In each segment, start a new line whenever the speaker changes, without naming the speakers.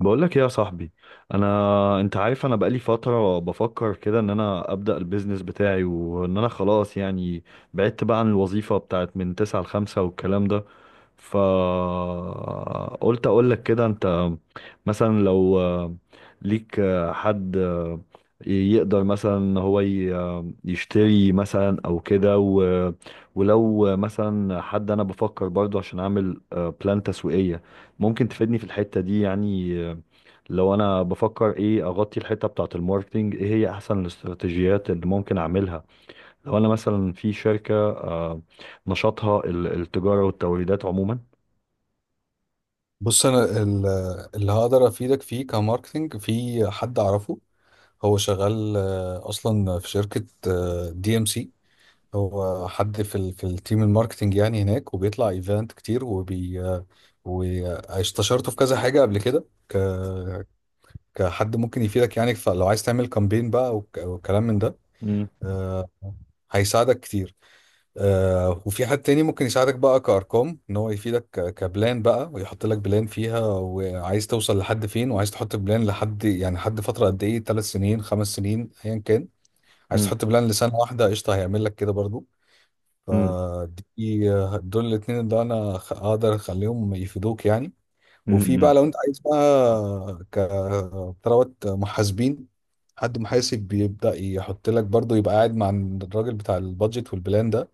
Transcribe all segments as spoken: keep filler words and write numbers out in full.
بقول لك ايه يا صاحبي؟ انا انت عارف، انا بقالي فتره بفكر كده ان انا ابدا البيزنس بتاعي، وان انا خلاص، يعني بعدت بقى عن الوظيفه بتاعت من تسعة ل خمسة والكلام ده. فقلت اقول لك كده. انت مثلا لو آه، ليك آه، حد آه، يقدر مثلا ان هو ي- آه، يشتري مثلا او كده و- ولو مثلا حد، انا بفكر برضو عشان اعمل آه، بلان تسويقية. ممكن تفيدني في الحتة دي يعني آه، لو انا بفكر ايه، اغطي الحتة بتاعة الماركتينج، ايه هي احسن الاستراتيجيات اللي ممكن اعملها لو انا مثلا في شركة آه، نشاطها ال- التجارة والتوريدات عموما.
بص انا ال- اللي هقدر افيدك فيه كماركتنج في حد اعرفه. هو شغال آه، اصلا في شركة دي ام سي. هو حد في ال في التيم الماركتنج يعني هناك، وبيطلع ايفنت كتير وبي آه، واستشرته في كذا حاجة قبل كده ك كحد ممكن يفيدك يعني. فلو عايز تعمل كامبين بقى وك- وكلام من ده،
مم.
آه، هيساعدك كتير. آه، وفي حد تاني ممكن يساعدك بقى كأرقام، ان هو يفيدك ك- كبلان بقى، ويحط لك بلان فيها، وعايز توصل لحد فين، وعايز تحط بلان لحد يعني حد فترة قد ايه، ثلاث سنين، خمس سنين، ايا كان. عايز
مم.
تحط بلان لسنة واحدة، قشطة، هيعمل لك كده برضو.
مم.
فدي دول الاتنين اللي انا خ- اقدر اخليهم يفيدوك يعني.
مم.
وفي
مم.
بقى لو انت عايز بقى كثروات محاسبين، حد محاسب بيبدأ يحط لك برضه، يبقى قاعد مع الراجل بتاع البادجت والبلان ده،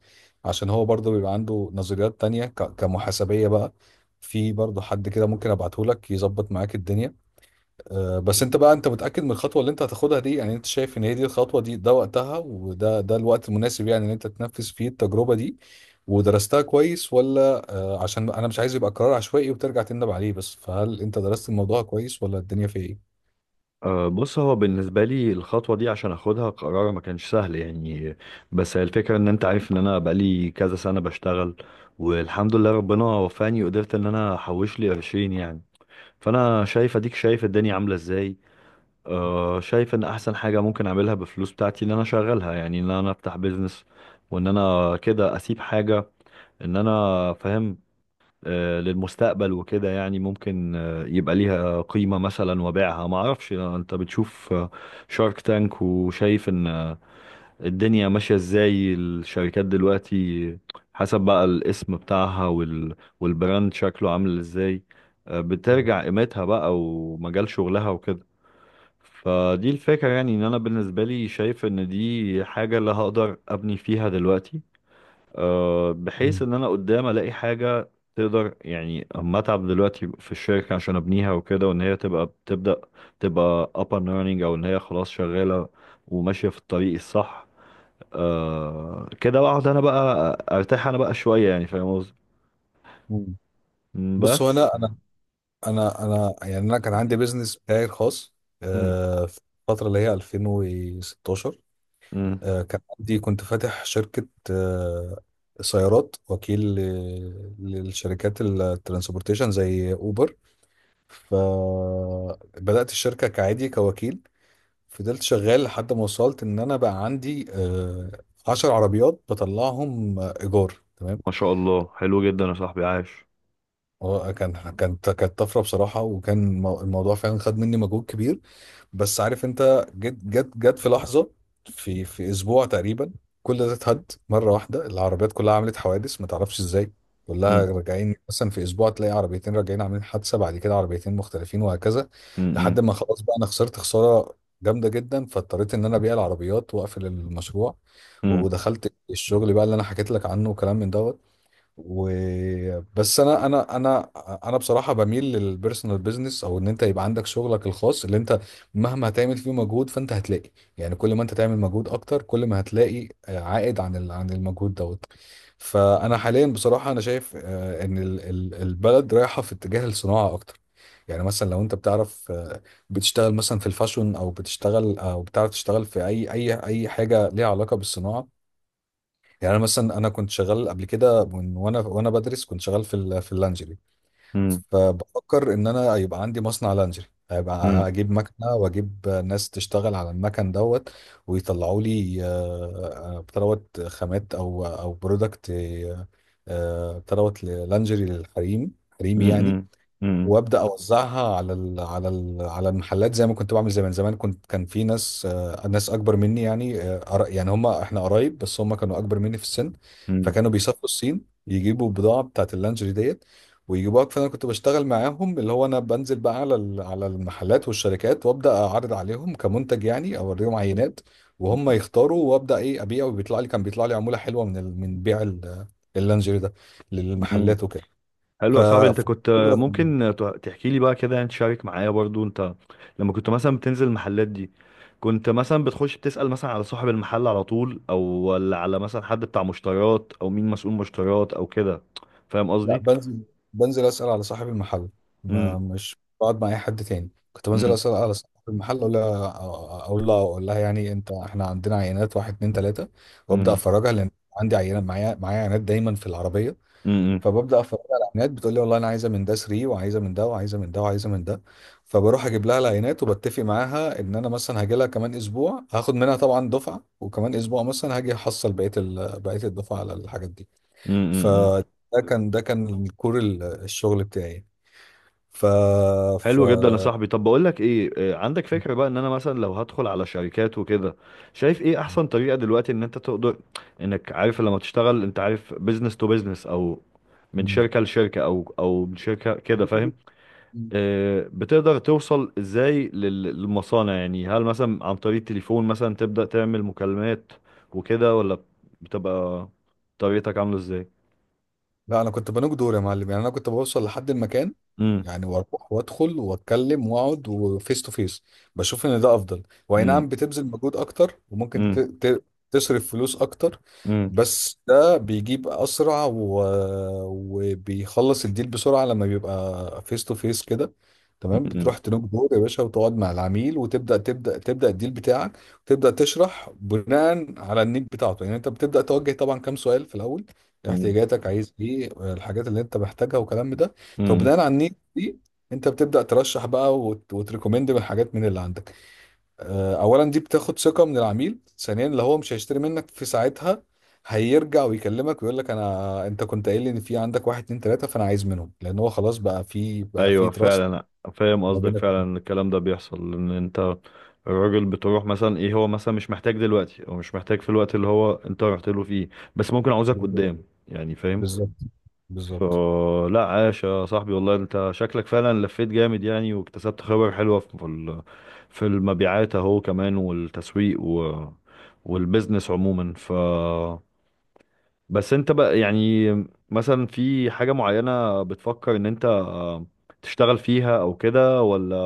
عشان هو برضه بيبقى عنده نظريات تانية ك- كمحاسبية بقى. في برضه حد كده ممكن ابعته لك يظبط معاك الدنيا. آه، بس انت بقى، انت متأكد من الخطوة اللي انت هتاخدها دي؟ يعني انت شايف ان هي دي الخطوة، دي ده وقتها، وده ده الوقت المناسب يعني ان انت تنفذ فيه التجربة دي ودرستها كويس ولا آه، عشان انا مش عايز يبقى قرار عشوائي وترجع تندم عليه. بس فهل انت درست الموضوع كويس ولا الدنيا فيه ايه؟
أه، بص، هو بالنسبة لي الخطوة دي عشان اخدها، قرار ما كانش سهل يعني. بس هي الفكرة ان انت عارف ان انا بقالي كذا سنة بشتغل، والحمد لله ربنا وفاني وقدرت ان انا احوش لي قرشين يعني. فانا شايف، اديك شايف الدنيا عاملة ازاي. أه، شايف ان احسن حاجة ممكن اعملها بالفلوس بتاعتي ان انا اشغلها، يعني ان انا افتح بيزنس. وان انا كده اسيب حاجة، ان انا فاهم، آه، للمستقبل وكده. يعني ممكن آه، يبقى ليها قيمة مثلا وبيعها، ما اعرفش. انت بتشوف شارك تانك، وشايف ان آه، الدنيا ماشية ازاي الشركات دلوقتي، حسب بقى الاسم بتاعها وال... والبراند شكله عامل ازاي، آه،
مم.
بترجع قيمتها بقى، ومجال شغلها وكده. فدي الفكرة يعني. ان انا بالنسبة لي شايف ان دي حاجة اللي هقدر ابني فيها دلوقتي، آه، بحيث
مم.
ان انا قدام الاقي حاجه تقدر، يعني اما اتعب دلوقتي في الشركه عشان ابنيها وكده، وان هي تبقى بتبدا، تبقى up and running، او ان هي خلاص شغاله وماشيه في الطريق الصح. آه كده اقعد انا بقى ارتاح انا بقى شويه، يعني فاهم قصدي؟
مم.
مم،
بص هو
بس.
انا انا انا انا يعني انا كان عندي بيزنس بتاعي الخاص،
مم.
آه، في الفترة اللي هي ألفين وستاشر.
مم.
آه، كان عندي، كنت فاتح شركة آه، سيارات، وكيل ل- للشركات الترانسبورتيشن زي أوبر. فبدأت الشركة كعادي كوكيل. فضلت شغال لحد ما وصلت إن أنا بقى عندي آه، عشر عربيات بطلعهم آه، إيجار، تمام.
ما شاء الله، حلو جدا يا صاحبي، عاش.
هو كان، كانت كانت طفرة بصراحة، وكان المو- الموضوع فعلا خد مني مجهود كبير. بس عارف انت، جت جت جت في لحظه، في في اسبوع تقريبا، كل ده اتهد مره واحده. العربيات كلها عملت حوادث ما تعرفش ازاي. كلها
مم.
راجعين، مثلا في اسبوع تلاقي عربيتين راجعين عاملين حادثه، بعد كده عربيتين مختلفين، وهكذا. لحد
مم.
ما خلاص بقى، انا خسرت خساره جامده جدا، فاضطريت ان انا ابيع العربيات واقفل المشروع.
مم.
ودخلت الشغل بقى اللي انا حكيت لك عنه، وكلام من دوت. و بس انا انا انا انا بصراحه بميل للبيرسونال بيزنس، او ان انت يبقى عندك شغلك الخاص، اللي انت مهما هتعمل فيه مجهود فانت هتلاقي، يعني كل ما انت تعمل مجهود اكتر كل ما هتلاقي عائد عن ال- عن المجهود دوت. فانا حاليا بصراحه انا شايف آه، ان ال- ال- البلد رايحه في اتجاه الصناعه اكتر. يعني مثلا لو انت بتعرف، آه، بتشتغل مثلا في الفاشون، او بتشتغل او بتعرف تشتغل في اي اي اي حاجه ليها علاقه بالصناعه. يعني أنا مثلا، أنا كنت شغال قبل كده، من وأنا وأنا بدرس كنت شغال في ال- في اللانجري.
مم.
فبفكر إن أنا هيبقى عندي مصنع لانجري،
مم.
هيبقى، هجيب مكنة وأجيب ناس تشتغل على المكن دوت. ويطلعوا لي آه، آه، بتاع دوت، خامات أو أو برودكت، آه، آه، بتاع دوت، لانجري للحريم، حريمي يعني.
مم. مم.
وابدا اوزعها على ال على ال على المحلات، زي ما كنت بعمل زمان. زمان كنت، كان في ناس آه، ناس اكبر مني يعني، آه، قرا- يعني هم احنا قرايب، بس هم كانوا اكبر مني في السن.
مم.
فكانوا بيسافروا الصين يجيبوا البضاعه بتاعت اللانجري ديت ويجيبوها. فانا كنت بشتغل معاهم، اللي هو انا بنزل بقى على ال- على المحلات والشركات، وابدا اعرض عليهم كمنتج، يعني اوريهم عينات، وهم يختاروا، وابدا ايه، ابيع. وبيطلع لي، كان بيطلع لي عموله حلوه من ال- من بيع ال- اللانجري ده
مم.
للمحلات وكده.
حلو
ف
يا صاحبي. انت كنت آه، ممكن تحكي لي بقى كده، يعني تشارك معايا برضو انت، لما كنت مثلا بتنزل المحلات دي، كنت مثلا بتخش بتسأل مثلا على صاحب المحل على طول، او ولا على مثلا حد بتاع مشتريات، او مين مسؤول مشتريات او كده؟ فاهم
لا،
قصدي؟
بنزل، بنزل اسال على صاحب المحل. ما
امم.
مش بقعد مع اي حد تاني، كنت بنزل
امم.
اسال على صاحب المحل، اقول لها اقول لها اقول لها يعني، انت، احنا عندنا عينات، واحد اتنين تلاته، وابدا
امم.
افرجها. لان عندي عينه معايا، معايا عينات دايما في العربيه.
امم.
فببدا افرجها على العينات، بتقول لي والله انا عايزه من ده تلاته، وعايزه من ده، وعايزه من ده، وعايزه من ده. فبروح اجيب لها العينات، وبتفق معاها ان انا مثلا هاجي لها كمان اسبوع هاخد منها طبعا دفعه، وكمان اسبوع مثلا هاجي احصل بقيه ال- بقيه الدفعه على الحاجات دي.
إمم، إمم، إمم.
فده كان، ده كان الكور، ال- الشغل بتاعي. ف ف
حلو جدا يا صاحبي. طب بقول لك ايه، آه، عندك فكرة بقى ان انا مثلا لو هدخل على شركات وكده، شايف ايه احسن طريقة دلوقتي ان انت تقدر، انك عارف، لما تشتغل انت عارف بيزنس تو بيزنس، او من شركة لشركة، او او من شركة كده، فاهم؟
مم.
آه، بتقدر توصل ازاي لل- للمصانع؟ يعني هل مثلا عن طريق التليفون مثلا تبدأ تعمل مكالمات وكده، ولا بتبقى طريقتك عاملة ازاي؟
لا، انا كنت بنوك دور يا معلم، يعني انا كنت بوصل لحد المكان،
امم.
يعني واروح وادخل واتكلم واقعد، وفيس تو فيس. بشوف ان ده افضل. واي نعم،
امم.
بتبذل مجهود اكتر، وممكن ت...
امم.
ت... تصرف فلوس اكتر،
امم.
بس ده بيجيب اسرع و... وبيخلص الديل بسرعه لما بيبقى فيس تو فيس كده، تمام.
امم،
بتروح تنوك دور يا باشا، وتقعد مع العميل، وتبدا تبدا تبدا الديل بتاعك. وتبدا تشرح بناء على النيد بتاعته، يعني انت بتبدا توجه طبعا كام سؤال في الاول.
امم،
احتياجاتك، عايز ايه، الحاجات اللي انت محتاجها، والكلام ده.
امم.
فبناء على النيد دي، انت بتبدا ترشح بقى وت... وتريكومند من حاجات من اللي عندك. آه، اولا دي بتاخد ثقه من العميل، ثانيا، اللي هو مش هيشتري منك في ساعتها، هيرجع ويكلمك ويقول لك انا، انت كنت قايل لي ان في عندك واحد اتنين تلاته، فانا عايز منهم، لان هو خلاص بقى في، بقى في
ايوه،
تراست
فعلا. فاهم
ما
قصدك
بينك.
فعلا، إن الكلام ده بيحصل، ان انت الراجل بتروح مثلا، ايه هو مثلا مش محتاج دلوقتي، او مش محتاج في الوقت اللي هو انت رحت له فيه، بس ممكن عاوزك قدام، يعني فاهم.
بالظبط، بالظبط.
فلا، عاش يا صاحبي، والله انت شكلك فعلا لفيت جامد يعني، واكتسبت خبر حلوة في ال- في المبيعات اهو، كمان، والتسويق، و والبيزنس عموما. ف بس انت بقى، يعني مثلا في حاجة معينة بتفكر ان انت آه، تشتغل فيها او كده، ولا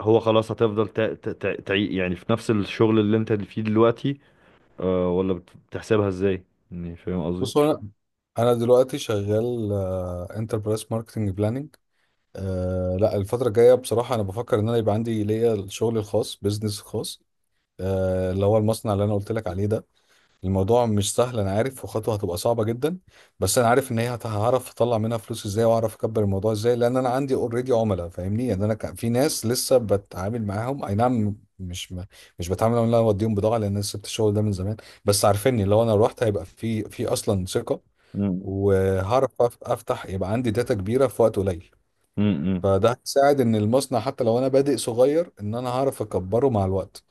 هو خلاص هتفضل تع... تع... تع... تع- يعني في نفس الشغل اللي انت فيه دلوقتي آه، ولا بت- بتحسبها ازاي؟ يعني فاهم قصدي.
بص، هو انا انا دلوقتي شغال انتربرايز ماركتنج بلاننج. أه لا، الفترة الجاية بصراحة أنا بفكر إن أنا يبقى عندي ليا الشغل الخاص، بيزنس خاص، أه اللي هو المصنع اللي أنا قلت لك عليه ده. الموضوع مش سهل أنا عارف، وخطوة هتبقى صعبة جدا. بس أنا عارف إن هي هت- هعرف أطلع منها فلوس إزاي، وأعرف أكبر الموضوع إزاي، لأن أنا عندي أوريدي عملاء فاهمني. يعني أنا كان في ناس لسه بتعامل معاهم، أي نعم، مش م- مش بتعامل معاهم إن أنا أوديهم بضاعة لأن أنا سبت الشغل ده من زمان. بس عارفيني لو أنا روحت هيبقى في، في أصلا ثقة.
مم.
وهعرف أف- أفتح، يبقى عندي داتا كبيرة في وقت قليل.
مم.
فده هيساعد ان المصنع حتى لو انا بادئ صغير، ان انا هعرف اكبره مع الوقت.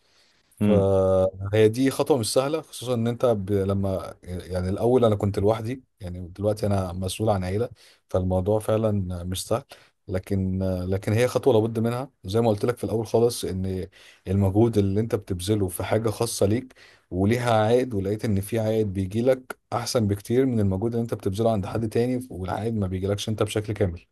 مم.
فهي دي خطوة مش سهلة، خصوصا ان انت ب... لما، يعني الاول انا كنت لوحدي، يعني دلوقتي انا مسؤول عن عيلة. فالموضوع فعلا مش سهل. لكن، لكن هي خطوة لابد منها، زي ما قلت لك في الاول خالص، ان المجهود اللي انت بتبذله في حاجة خاصة ليك وليها عائد، ولقيت ان في عائد بيجي لك احسن بكتير من المجهود اللي انت بتبذله عند حد تاني، والعائد ما بيجيلكش انت بشكل كامل.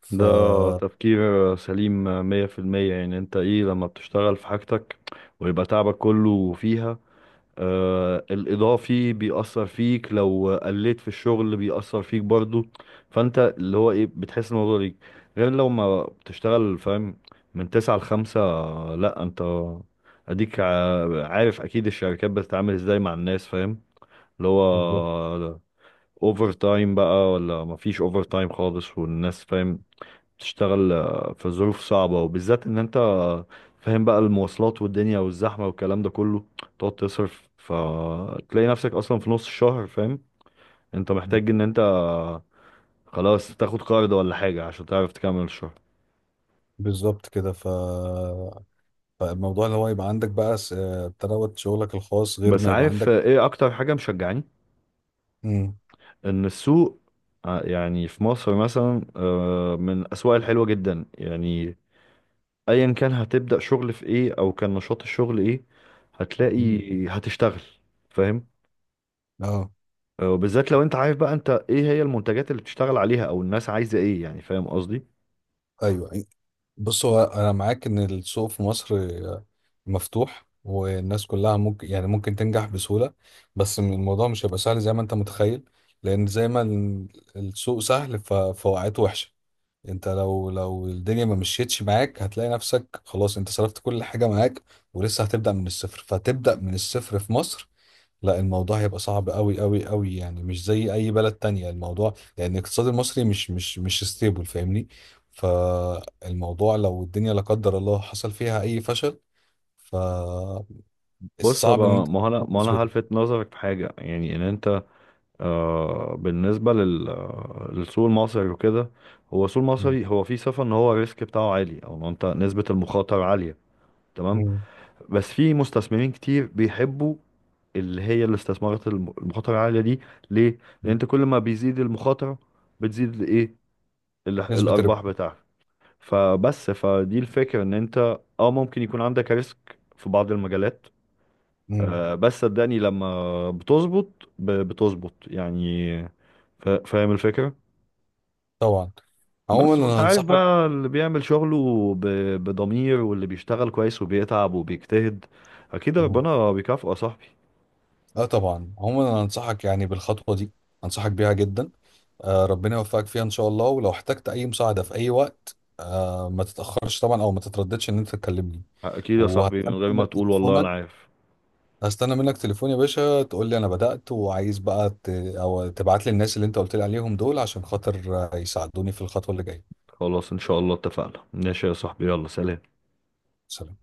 ف
ده تفكير سليم مية في المية. يعني انت ايه، لما بتشتغل في حاجتك ويبقى تعبك كله فيها، آه، الإضافي بيأثر فيك، لو قلت في الشغل بيأثر فيك برضو. فأنت اللي هو إيه، بتحس الموضوع ليك، غير لو ما بتشتغل، فاهم، من تسعة لخمسة. لأ، أنت أديك ع- عارف أكيد الشركات بتتعامل إزاي مع الناس، فاهم، اللي
بالظبط،
هو أوفر تايم بقى ولا مفيش أوفر تايم خالص، والناس فاهم تشتغل آه، في ظروف صعبة، وبالذات ان انت آه، فاهم بقى المواصلات والدنيا والزحمة والكلام ده كله. تقعد تصرف فتلاقي نفسك اصلا في نص الشهر، فاهم، انت محتاج ان انت آه، خلاص تاخد قرض ولا حاجة عشان تعرف تكمل الشهر.
بالظبط كده. ف... فالموضوع اللي هو يبقى عندك بقى س- آه، تروت شغلك الخاص غير
بس
ما يبقى
عارف
عندك.
آه، ايه اكتر حاجة مشجعاني؟
امم،
ان السوق، آه، يعني في مصر مثلا آه، من الاسواق الحلوة جدا يعني. ايا كان هتبدأ شغل في ايه، او كان نشاط الشغل ايه،
امم،
هتلاقي هتشتغل، فاهم.
اه،
آه، وبالذات لو انت عارف بقى انت ايه هي المنتجات اللي بتشتغل عليها، او الناس عايزه ايه، يعني فاهم قصدي.
ايوه. بص هو انا معاك ان السوق في مصر آه، مفتوح والناس كلها ممكن، يعني ممكن تنجح بسهولة، بس م- الموضوع مش هيبقى سهل زي ما انت متخيل. لان زي ما ال- السوق سهل، ف- فوقعته وحشة. انت لو لو الدنيا ما مشيتش معاك، هتلاقي نفسك خلاص انت صرفت كل حاجة معاك، ولسه هتبدأ من الصفر. فتبدأ من الصفر في مصر، لا، الموضوع هيبقى صعب قوي قوي قوي يعني، مش زي اي بلد تانية الموضوع، لان الاقتصاد المصري مش مش مش ستيبل فاهمني. فالموضوع لو الدنيا، لا قدر الله، حصل فيها اي فشل، فالصعب
بص
ان
بقى،
انت
ما هو انا،
تقوم
ما انا
بسهولة.
هلفت نظرك في حاجه، يعني ان انت آه بالنسبه لل آه، للسوق المصري وكده. هو السوق
مم.
المصري هو فيه صفه ان هو الريسك بتاعه عالي، او ان انت نسبه المخاطره عاليه، تمام.
مم.
بس في مستثمرين كتير بيحبوا، اللي هي الاستثمارات الم- المخاطره العاليه دي، ليه؟ لان انت كل ما بيزيد المخاطره، بتزيد الايه، ال-
نسبة الربح.
الارباح بتاعتك. فبس، فدي الفكرة، ان انت اه ممكن يكون عندك ريسك في بعض المجالات،
مم.
آه، بس صدقني، لما بتظبط ب- بتظبط يعني، فا- فاهم الفكرة.
طبعا. عموما
بس وانت
انا
عارف
هنصحك.
بقى اللي بيعمل شغله ب- بضمير، واللي بيشتغل كويس وبيتعب وبيجتهد، اكيد ربنا بيكافئه يا صاحبي.
اه طبعا، عموما انا انصحك يعني بالخطوه دي، انصحك بيها جدا. آه ربنا يوفقك فيها ان شاء الله، ولو احتجت اي مساعده في اي وقت آه، ما تتاخرش طبعا، او ما تترددش ان انت تكلمني.
اكيد يا صاحبي، من
وهستنى
غير ما
منك
تقول، والله انا
تليفونك،
عارف.
هستنى منك تليفون يا باشا، تقول لي انا بدات وعايز بقى ت... او تبعت لي الناس اللي انت قلت لي عليهم دول، عشان خاطر آه، يساعدوني في الخطوه اللي جايه.
خلاص ان شاء الله، اتفقنا، ماشي يا صاحبي، يلا سلام.
سلام.